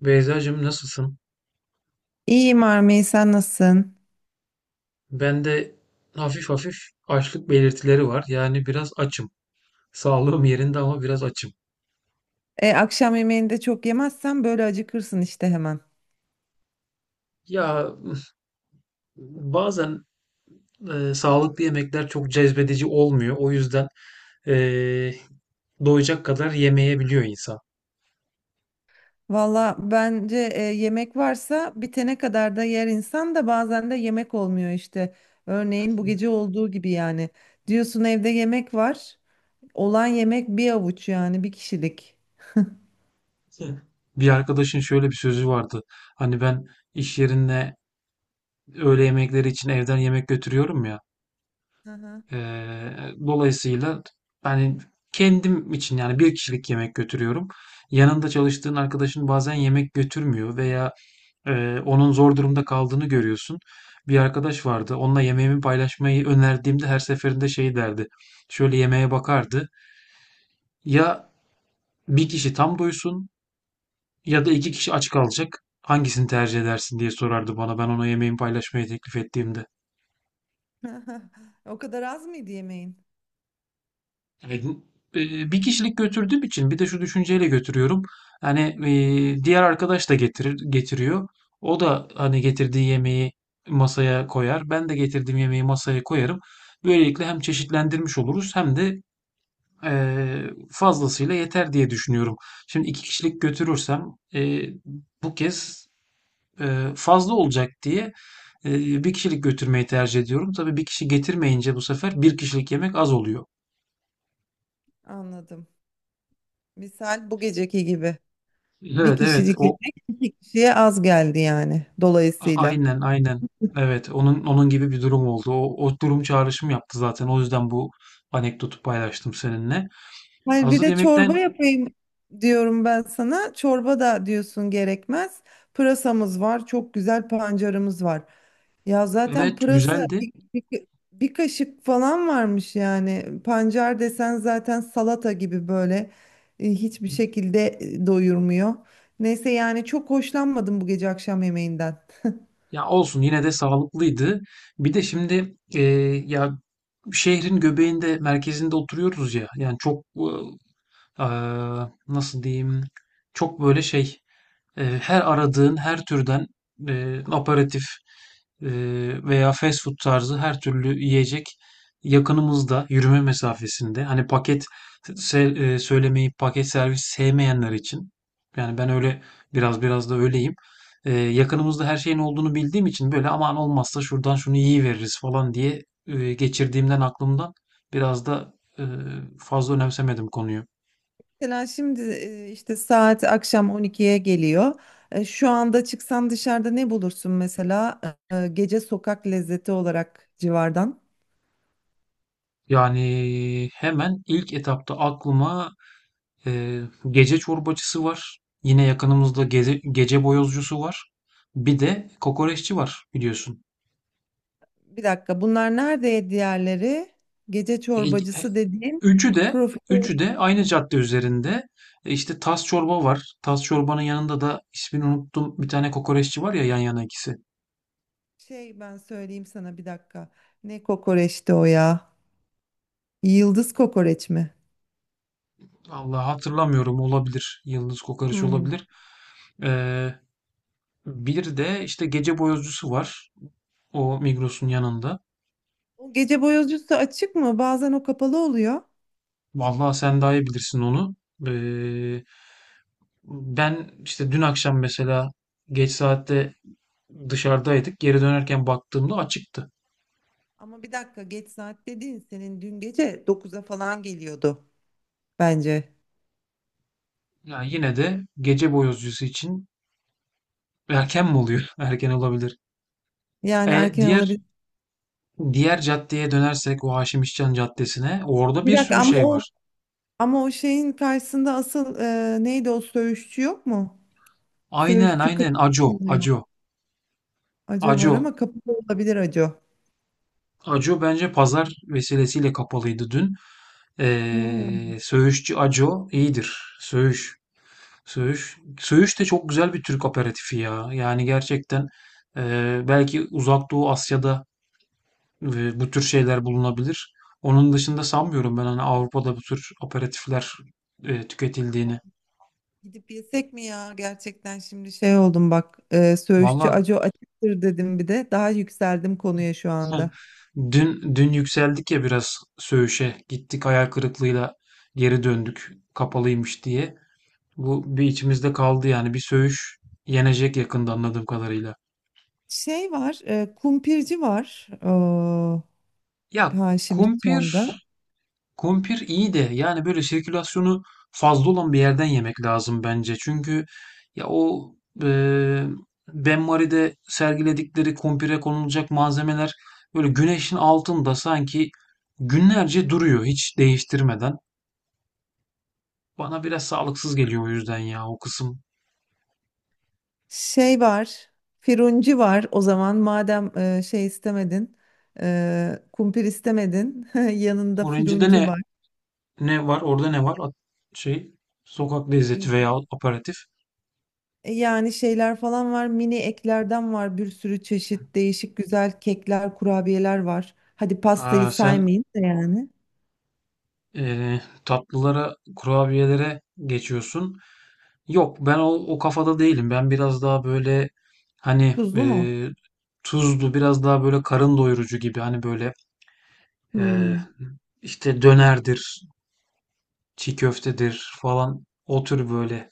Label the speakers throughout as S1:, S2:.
S1: Beyzacığım, nasılsın?
S2: İyiyim Armey, sen nasılsın?
S1: Ben de hafif hafif açlık belirtileri var. Yani biraz açım. Sağlığım yerinde ama biraz açım.
S2: Akşam yemeğini de çok yemezsen böyle acıkırsın işte hemen.
S1: Ya bazen sağlıklı yemekler çok cezbedici olmuyor. O yüzden e, doyacak kadar yemeyebiliyor insan.
S2: Valla bence yemek varsa bitene kadar da yer insan da bazen de yemek olmuyor işte. Örneğin bu gece olduğu gibi yani. Diyorsun evde yemek var. Olan yemek bir avuç yani bir kişilik.
S1: Bir arkadaşın şöyle bir sözü vardı. Hani ben iş yerine öğle yemekleri için evden yemek götürüyorum ya.
S2: Hı hı.
S1: Dolayısıyla yani kendim için, yani bir kişilik yemek götürüyorum. Yanında çalıştığın arkadaşın bazen yemek götürmüyor veya onun zor durumda kaldığını görüyorsun. Bir arkadaş vardı. Onunla yemeğimi paylaşmayı önerdiğimde her seferinde şey derdi. Şöyle yemeğe bakardı. Ya bir kişi tam doysun ya da iki kişi aç kalacak. Hangisini tercih edersin diye sorardı bana, ben ona yemeğimi paylaşmayı teklif ettiğimde.
S2: O kadar az mıydı yemeğin?
S1: Evet, bir kişilik götürdüğüm için bir de şu düşünceyle götürüyorum. Hani diğer arkadaş da getiriyor. O da hani getirdiği yemeği masaya koyar. Ben de getirdiğim yemeği masaya koyarım. Böylelikle hem çeşitlendirmiş oluruz, hem de fazlasıyla yeter diye düşünüyorum. Şimdi iki kişilik götürürsem, e, bu kez fazla olacak diye bir kişilik götürmeyi tercih ediyorum. Tabii bir kişi getirmeyince bu sefer bir kişilik yemek az oluyor.
S2: Anladım. Misal bu geceki gibi. Bir
S1: Evet, evet,
S2: kişilik
S1: o
S2: yemek iki kişiye az geldi yani
S1: A-
S2: dolayısıyla.
S1: Aynen aynen. Evet, onun gibi bir durum oldu. O durum çağrışım yaptı zaten. O yüzden bu anekdotu paylaştım seninle.
S2: Hayır, bir
S1: Hazır
S2: de
S1: yemekten
S2: çorba yapayım diyorum ben sana. Çorba da diyorsun gerekmez. Pırasamız var, çok güzel pancarımız var. Ya zaten
S1: evet, güzeldi.
S2: bir kaşık falan varmış yani. Pancar desen zaten salata gibi böyle hiçbir şekilde doyurmuyor. Neyse yani çok hoşlanmadım bu gece akşam yemeğinden.
S1: Ya olsun, yine de sağlıklıydı. Bir de şimdi, ya, şehrin göbeğinde, merkezinde oturuyoruz ya. Yani çok e, e, nasıl diyeyim, çok böyle her aradığın her türden aperatif veya fast food tarzı her türlü yiyecek yakınımızda, yürüme mesafesinde. Hani paket paket servis sevmeyenler için. Yani ben öyle, biraz da öyleyim. Yakınımızda her şeyin olduğunu bildiğim için, böyle aman olmazsa şuradan şunu yiyiveririz falan diye geçirdiğimden aklımdan, biraz da fazla önemsemedim konuyu.
S2: Mesela şimdi işte saat akşam 12'ye geliyor. Şu anda çıksan dışarıda ne bulursun mesela? Gece sokak lezzeti olarak civardan.
S1: Yani hemen ilk etapta aklıma Ee, gece çorbacısı var. Yine yakınımızda gece boyozcusu var. Bir de kokoreççi var, biliyorsun.
S2: Bir dakika, bunlar nerede diğerleri? Gece
S1: E, e,
S2: çorbacısı dediğim
S1: Üçü de
S2: profil
S1: üçü de aynı cadde üzerinde. İşte tas çorba var. Tas çorbanın yanında da ismini unuttum. Bir tane kokoreççi var ya, yan yana ikisi.
S2: ben söyleyeyim sana bir dakika. Ne kokoreçti o ya? Yıldız kokoreç mi?
S1: Allah, hatırlamıyorum, olabilir. Yıldız kokoreç
S2: Hmm.
S1: olabilir. Ee, Bir de işte gece boyozcusu var. O Migros'un yanında.
S2: O gece boyozcusu açık mı? Bazen o kapalı oluyor.
S1: Vallahi sen daha iyi bilirsin onu. Ee, Ben işte dün akşam mesela, geç saatte dışarıdaydık. Geri dönerken baktığımda açıktı.
S2: Ama bir dakika, geç saat dediğin senin dün gece 9'a falan geliyordu bence.
S1: Yani yine de gece boyozcusu için erken mi oluyor? Erken olabilir.
S2: Yani
S1: E,
S2: erken
S1: diğer
S2: olabilir.
S1: diğer caddeye dönersek, o Haşim İşcan Caddesi'ne, orada
S2: Bir
S1: bir
S2: dakika
S1: sürü
S2: ama
S1: şey var.
S2: o ama o şeyin karşısında asıl neydi o söğüşçü yok mu?
S1: Aynen,
S2: Söğüşçü kapı
S1: aynen,
S2: oluyor. Acı var
S1: Aco
S2: ama kapı da olabilir acı.
S1: Aco bence pazar vesilesiyle kapalıydı dün.
S2: Ha.
S1: Söğüşçü Aco iyidir. Söğüş de çok güzel bir Türk aperatifi ya. Yani gerçekten, belki Uzak Doğu Asya'da bu tür şeyler bulunabilir. Onun dışında sanmıyorum ben hani Avrupa'da bu tür aperatifler tüketildiğini.
S2: Gidip yesek mi ya? Gerçekten şimdi şey oldum bak. Söğüşçü
S1: Valla,
S2: Aco açıktır dedim bir de. Daha yükseldim konuya şu anda.
S1: dün yükseldik ya biraz Söğüş'e. Gittik, hayal kırıklığıyla geri döndük, kapalıymış diye. Bu bir içimizde kaldı, yani bir Söğüş yenecek yakında anladığım kadarıyla.
S2: Şey var, kumpirci var.
S1: Ya
S2: Haşim
S1: kumpir,
S2: İşcan'da.
S1: kumpir iyi de, yani böyle sirkülasyonu fazla olan bir yerden yemek lazım bence. Çünkü ya o e, Ben Mary'de sergiledikleri kumpire konulacak malzemeler böyle güneşin altında sanki günlerce duruyor, hiç değiştirmeden. Bana biraz sağlıksız geliyor, o yüzden ya o kısım.
S2: Şey var, Firunci var. O zaman madem şey istemedin, kumpir istemedin, yanında
S1: Orange'de
S2: Firunci
S1: ne var? Orada ne var? Şey, Sokak lezzeti
S2: var.
S1: veya aperatif.
S2: Yani şeyler falan var, mini eklerden var, bir sürü çeşit değişik güzel kekler, kurabiyeler var. Hadi pastayı
S1: Aa, sen
S2: saymayın da yani.
S1: e, tatlılara, kurabiyelere geçiyorsun. Yok, ben o kafada değilim. Ben biraz daha böyle, hani,
S2: Tuzlu mu?
S1: tuzlu, biraz daha böyle karın doyurucu gibi, hani böyle e,
S2: Hmm.
S1: işte dönerdir, çiğ köftedir falan, o tür böyle.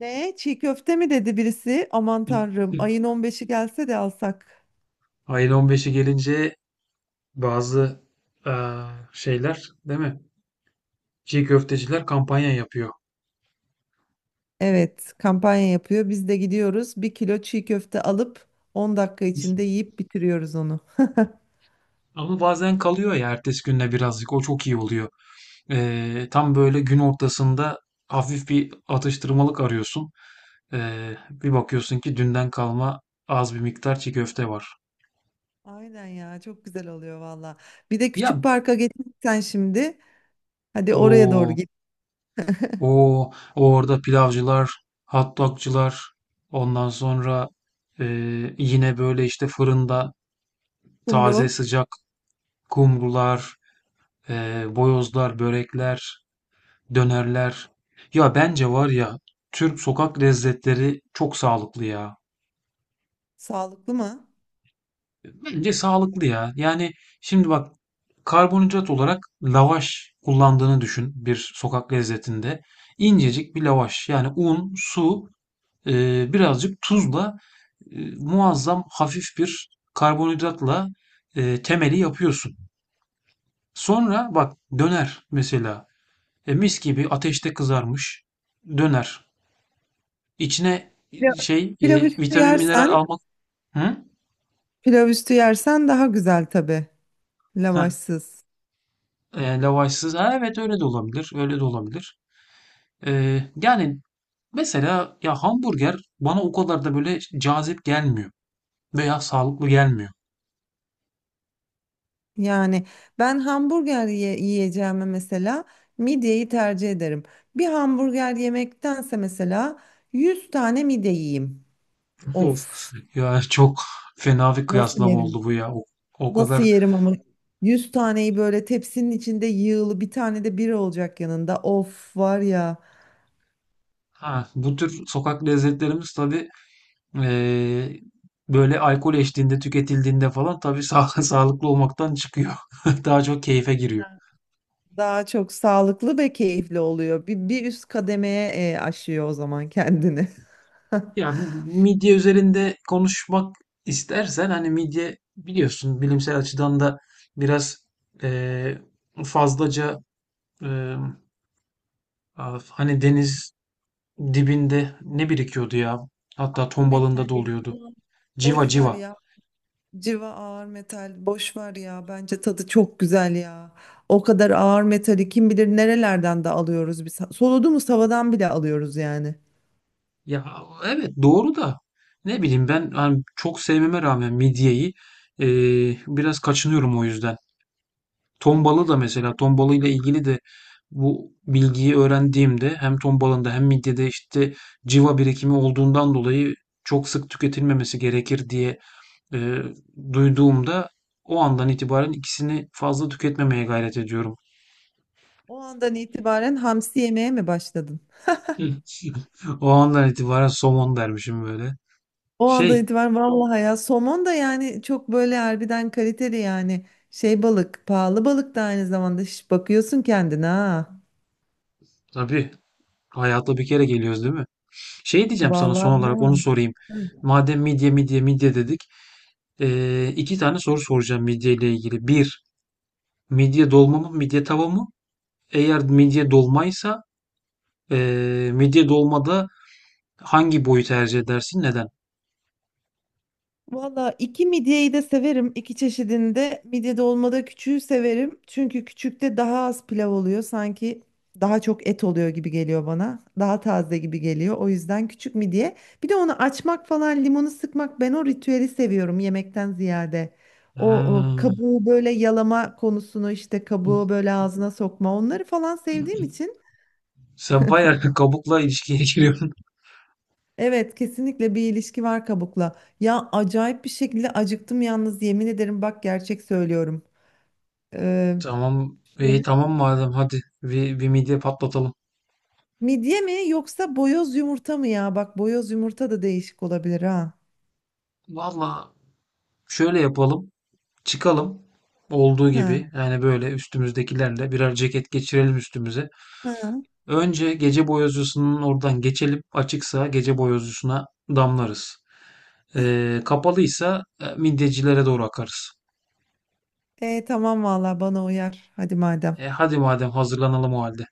S2: Ne? Çiğ köfte mi dedi birisi? Aman tanrım, ayın 15'i gelse de alsak.
S1: Ayın 15'i gelince bazı e, şeyler, değil mi? Çiğ köfteciler kampanya yapıyor.
S2: Evet, kampanya yapıyor. Biz de gidiyoruz. Bir kilo çiğ köfte alıp 10 dakika içinde yiyip bitiriyoruz onu.
S1: Ama bazen kalıyor ya ertesi günde birazcık, o çok iyi oluyor. Tam böyle gün ortasında hafif bir atıştırmalık arıyorsun. Bir bakıyorsun ki dünden kalma az bir miktar çiğ köfte var.
S2: Aynen ya, çok güzel oluyor valla. Bir de
S1: Ya
S2: küçük parka geçsen şimdi. Hadi oraya doğru
S1: o
S2: git.
S1: o orada pilavcılar, hot dogcular, ondan sonra yine böyle işte fırında taze
S2: Kumru,
S1: sıcak kumrular, boyozlar, börekler, dönerler. Ya bence var ya, Türk sokak lezzetleri çok sağlıklı ya.
S2: sağlıklı mı?
S1: Bence sağlıklı ya. Yani şimdi bak, karbonhidrat olarak lavaş kullandığını düşün bir sokak lezzetinde. İncecik bir lavaş. Yani un, su, birazcık tuzla muazzam hafif bir karbonhidratla temeli yapıyorsun. Sonra bak, döner mesela. Mis gibi ateşte kızarmış döner. İçine
S2: Pilav,
S1: şey e,
S2: pilav üstü
S1: vitamin, mineral
S2: yersen,
S1: almak. Hı?
S2: pilav üstü yersen daha güzel tabii.
S1: Ha,
S2: Lavaşsız.
S1: lavaşsız. Ha, evet, öyle de olabilir. Öyle de olabilir. Yani mesela ya, hamburger bana o kadar da böyle cazip gelmiyor veya sağlıklı gelmiyor.
S2: Yani ben yiyeceğime mesela midyeyi tercih ederim. Bir hamburger yemektense mesela 100 tane midye yiyeyim. Of,
S1: Of. Ya çok fena bir
S2: nasıl
S1: kıyaslama
S2: yerim?
S1: oldu bu ya. O
S2: Nasıl
S1: kadar.
S2: yerim ama 100 taneyi böyle tepsinin içinde yığılı, bir tane de biri olacak yanında. Of var ya.
S1: Ha, bu tür sokak lezzetlerimiz tabii ee, böyle alkol eşliğinde tüketildiğinde falan tabii sağlıklı olmaktan çıkıyor. Daha çok keyfe giriyor.
S2: Daha çok sağlıklı ve keyifli oluyor. Bir üst kademeye aşıyor o zaman kendini.
S1: Ya bu midye üzerinde konuşmak istersen, hani midye, biliyorsun, bilimsel açıdan da biraz eee, fazlaca eee, hani deniz dibinde ne birikiyordu ya, hatta ton balığında
S2: Metal
S1: da
S2: ya.
S1: oluyordu.
S2: Boş ver
S1: Civa.
S2: ya. Civa ağır metal, boş ver ya. Bence tadı çok güzel ya. O kadar ağır metali kim bilir nerelerden de alıyoruz biz. Soluduğumuz havadan bile alıyoruz yani.
S1: Ya evet, doğru da, ne bileyim, ben hani çok sevmeme rağmen midyeyi biraz kaçınıyorum o yüzden. Tombala da mesela, tombala ile ilgili de bu bilgiyi öğrendiğimde, hem tombalında hem midyede işte civa birikimi olduğundan dolayı çok sık tüketilmemesi gerekir diye e, duyduğumda, o andan itibaren ikisini fazla tüketmemeye gayret ediyorum.
S2: O andan itibaren hamsi yemeye mi başladın?
S1: Hı. O andan itibaren somon dermişim böyle.
S2: O andan
S1: Şey,
S2: itibaren vallahi ya somon da yani çok böyle harbiden kaliteli yani şey balık, pahalı balık da aynı zamanda. Şş, bakıyorsun kendine ha.
S1: tabii hayata bir kere geliyoruz, değil mi? Şey diyeceğim sana, son
S2: Vallahi
S1: olarak onu
S2: bravo.
S1: sorayım. Madem midye dedik, iki tane soru soracağım midye ile ilgili. Bir, midye dolma mı, midye tava mı? Eğer midye dolmaysa, midye dolmada hangi boyu tercih edersin? Neden?
S2: Valla iki midyeyi de severim. İki çeşidinde. Midye dolmada küçüğü severim. Çünkü küçükte daha az pilav oluyor. Sanki daha çok et oluyor gibi geliyor bana. Daha taze gibi geliyor. O yüzden küçük midye. Bir de onu açmak falan, limonu sıkmak, ben o ritüeli seviyorum yemekten ziyade.
S1: Ha.
S2: O kabuğu böyle yalama konusunu, işte kabuğu böyle ağzına sokma onları falan sevdiğim için.
S1: Sen bayağı kabukla ilişkiye giriyorsun.
S2: Evet, kesinlikle bir ilişki var kabukla. Ya acayip bir şekilde acıktım yalnız, yemin ederim bak, gerçek söylüyorum. Ee,
S1: Tamam.
S2: şöyle-
S1: İyi, tamam, madem, hadi bir midye patlatalım.
S2: midye mi yoksa boyoz yumurta mı ya? Bak boyoz yumurta da değişik olabilir ha.
S1: Valla, şöyle yapalım. Çıkalım. Olduğu
S2: Ha.
S1: gibi yani, böyle üstümüzdekilerle birer ceket geçirelim üstümüze.
S2: Ha.
S1: Önce gece boyozcusunun oradan geçelim. Açıksa gece boyozcusuna damlarız. Kapalıysa midyecilere doğru akarız.
S2: E tamam vallahi bana uyar. Hadi madem.
S1: Hadi madem, hazırlanalım o halde.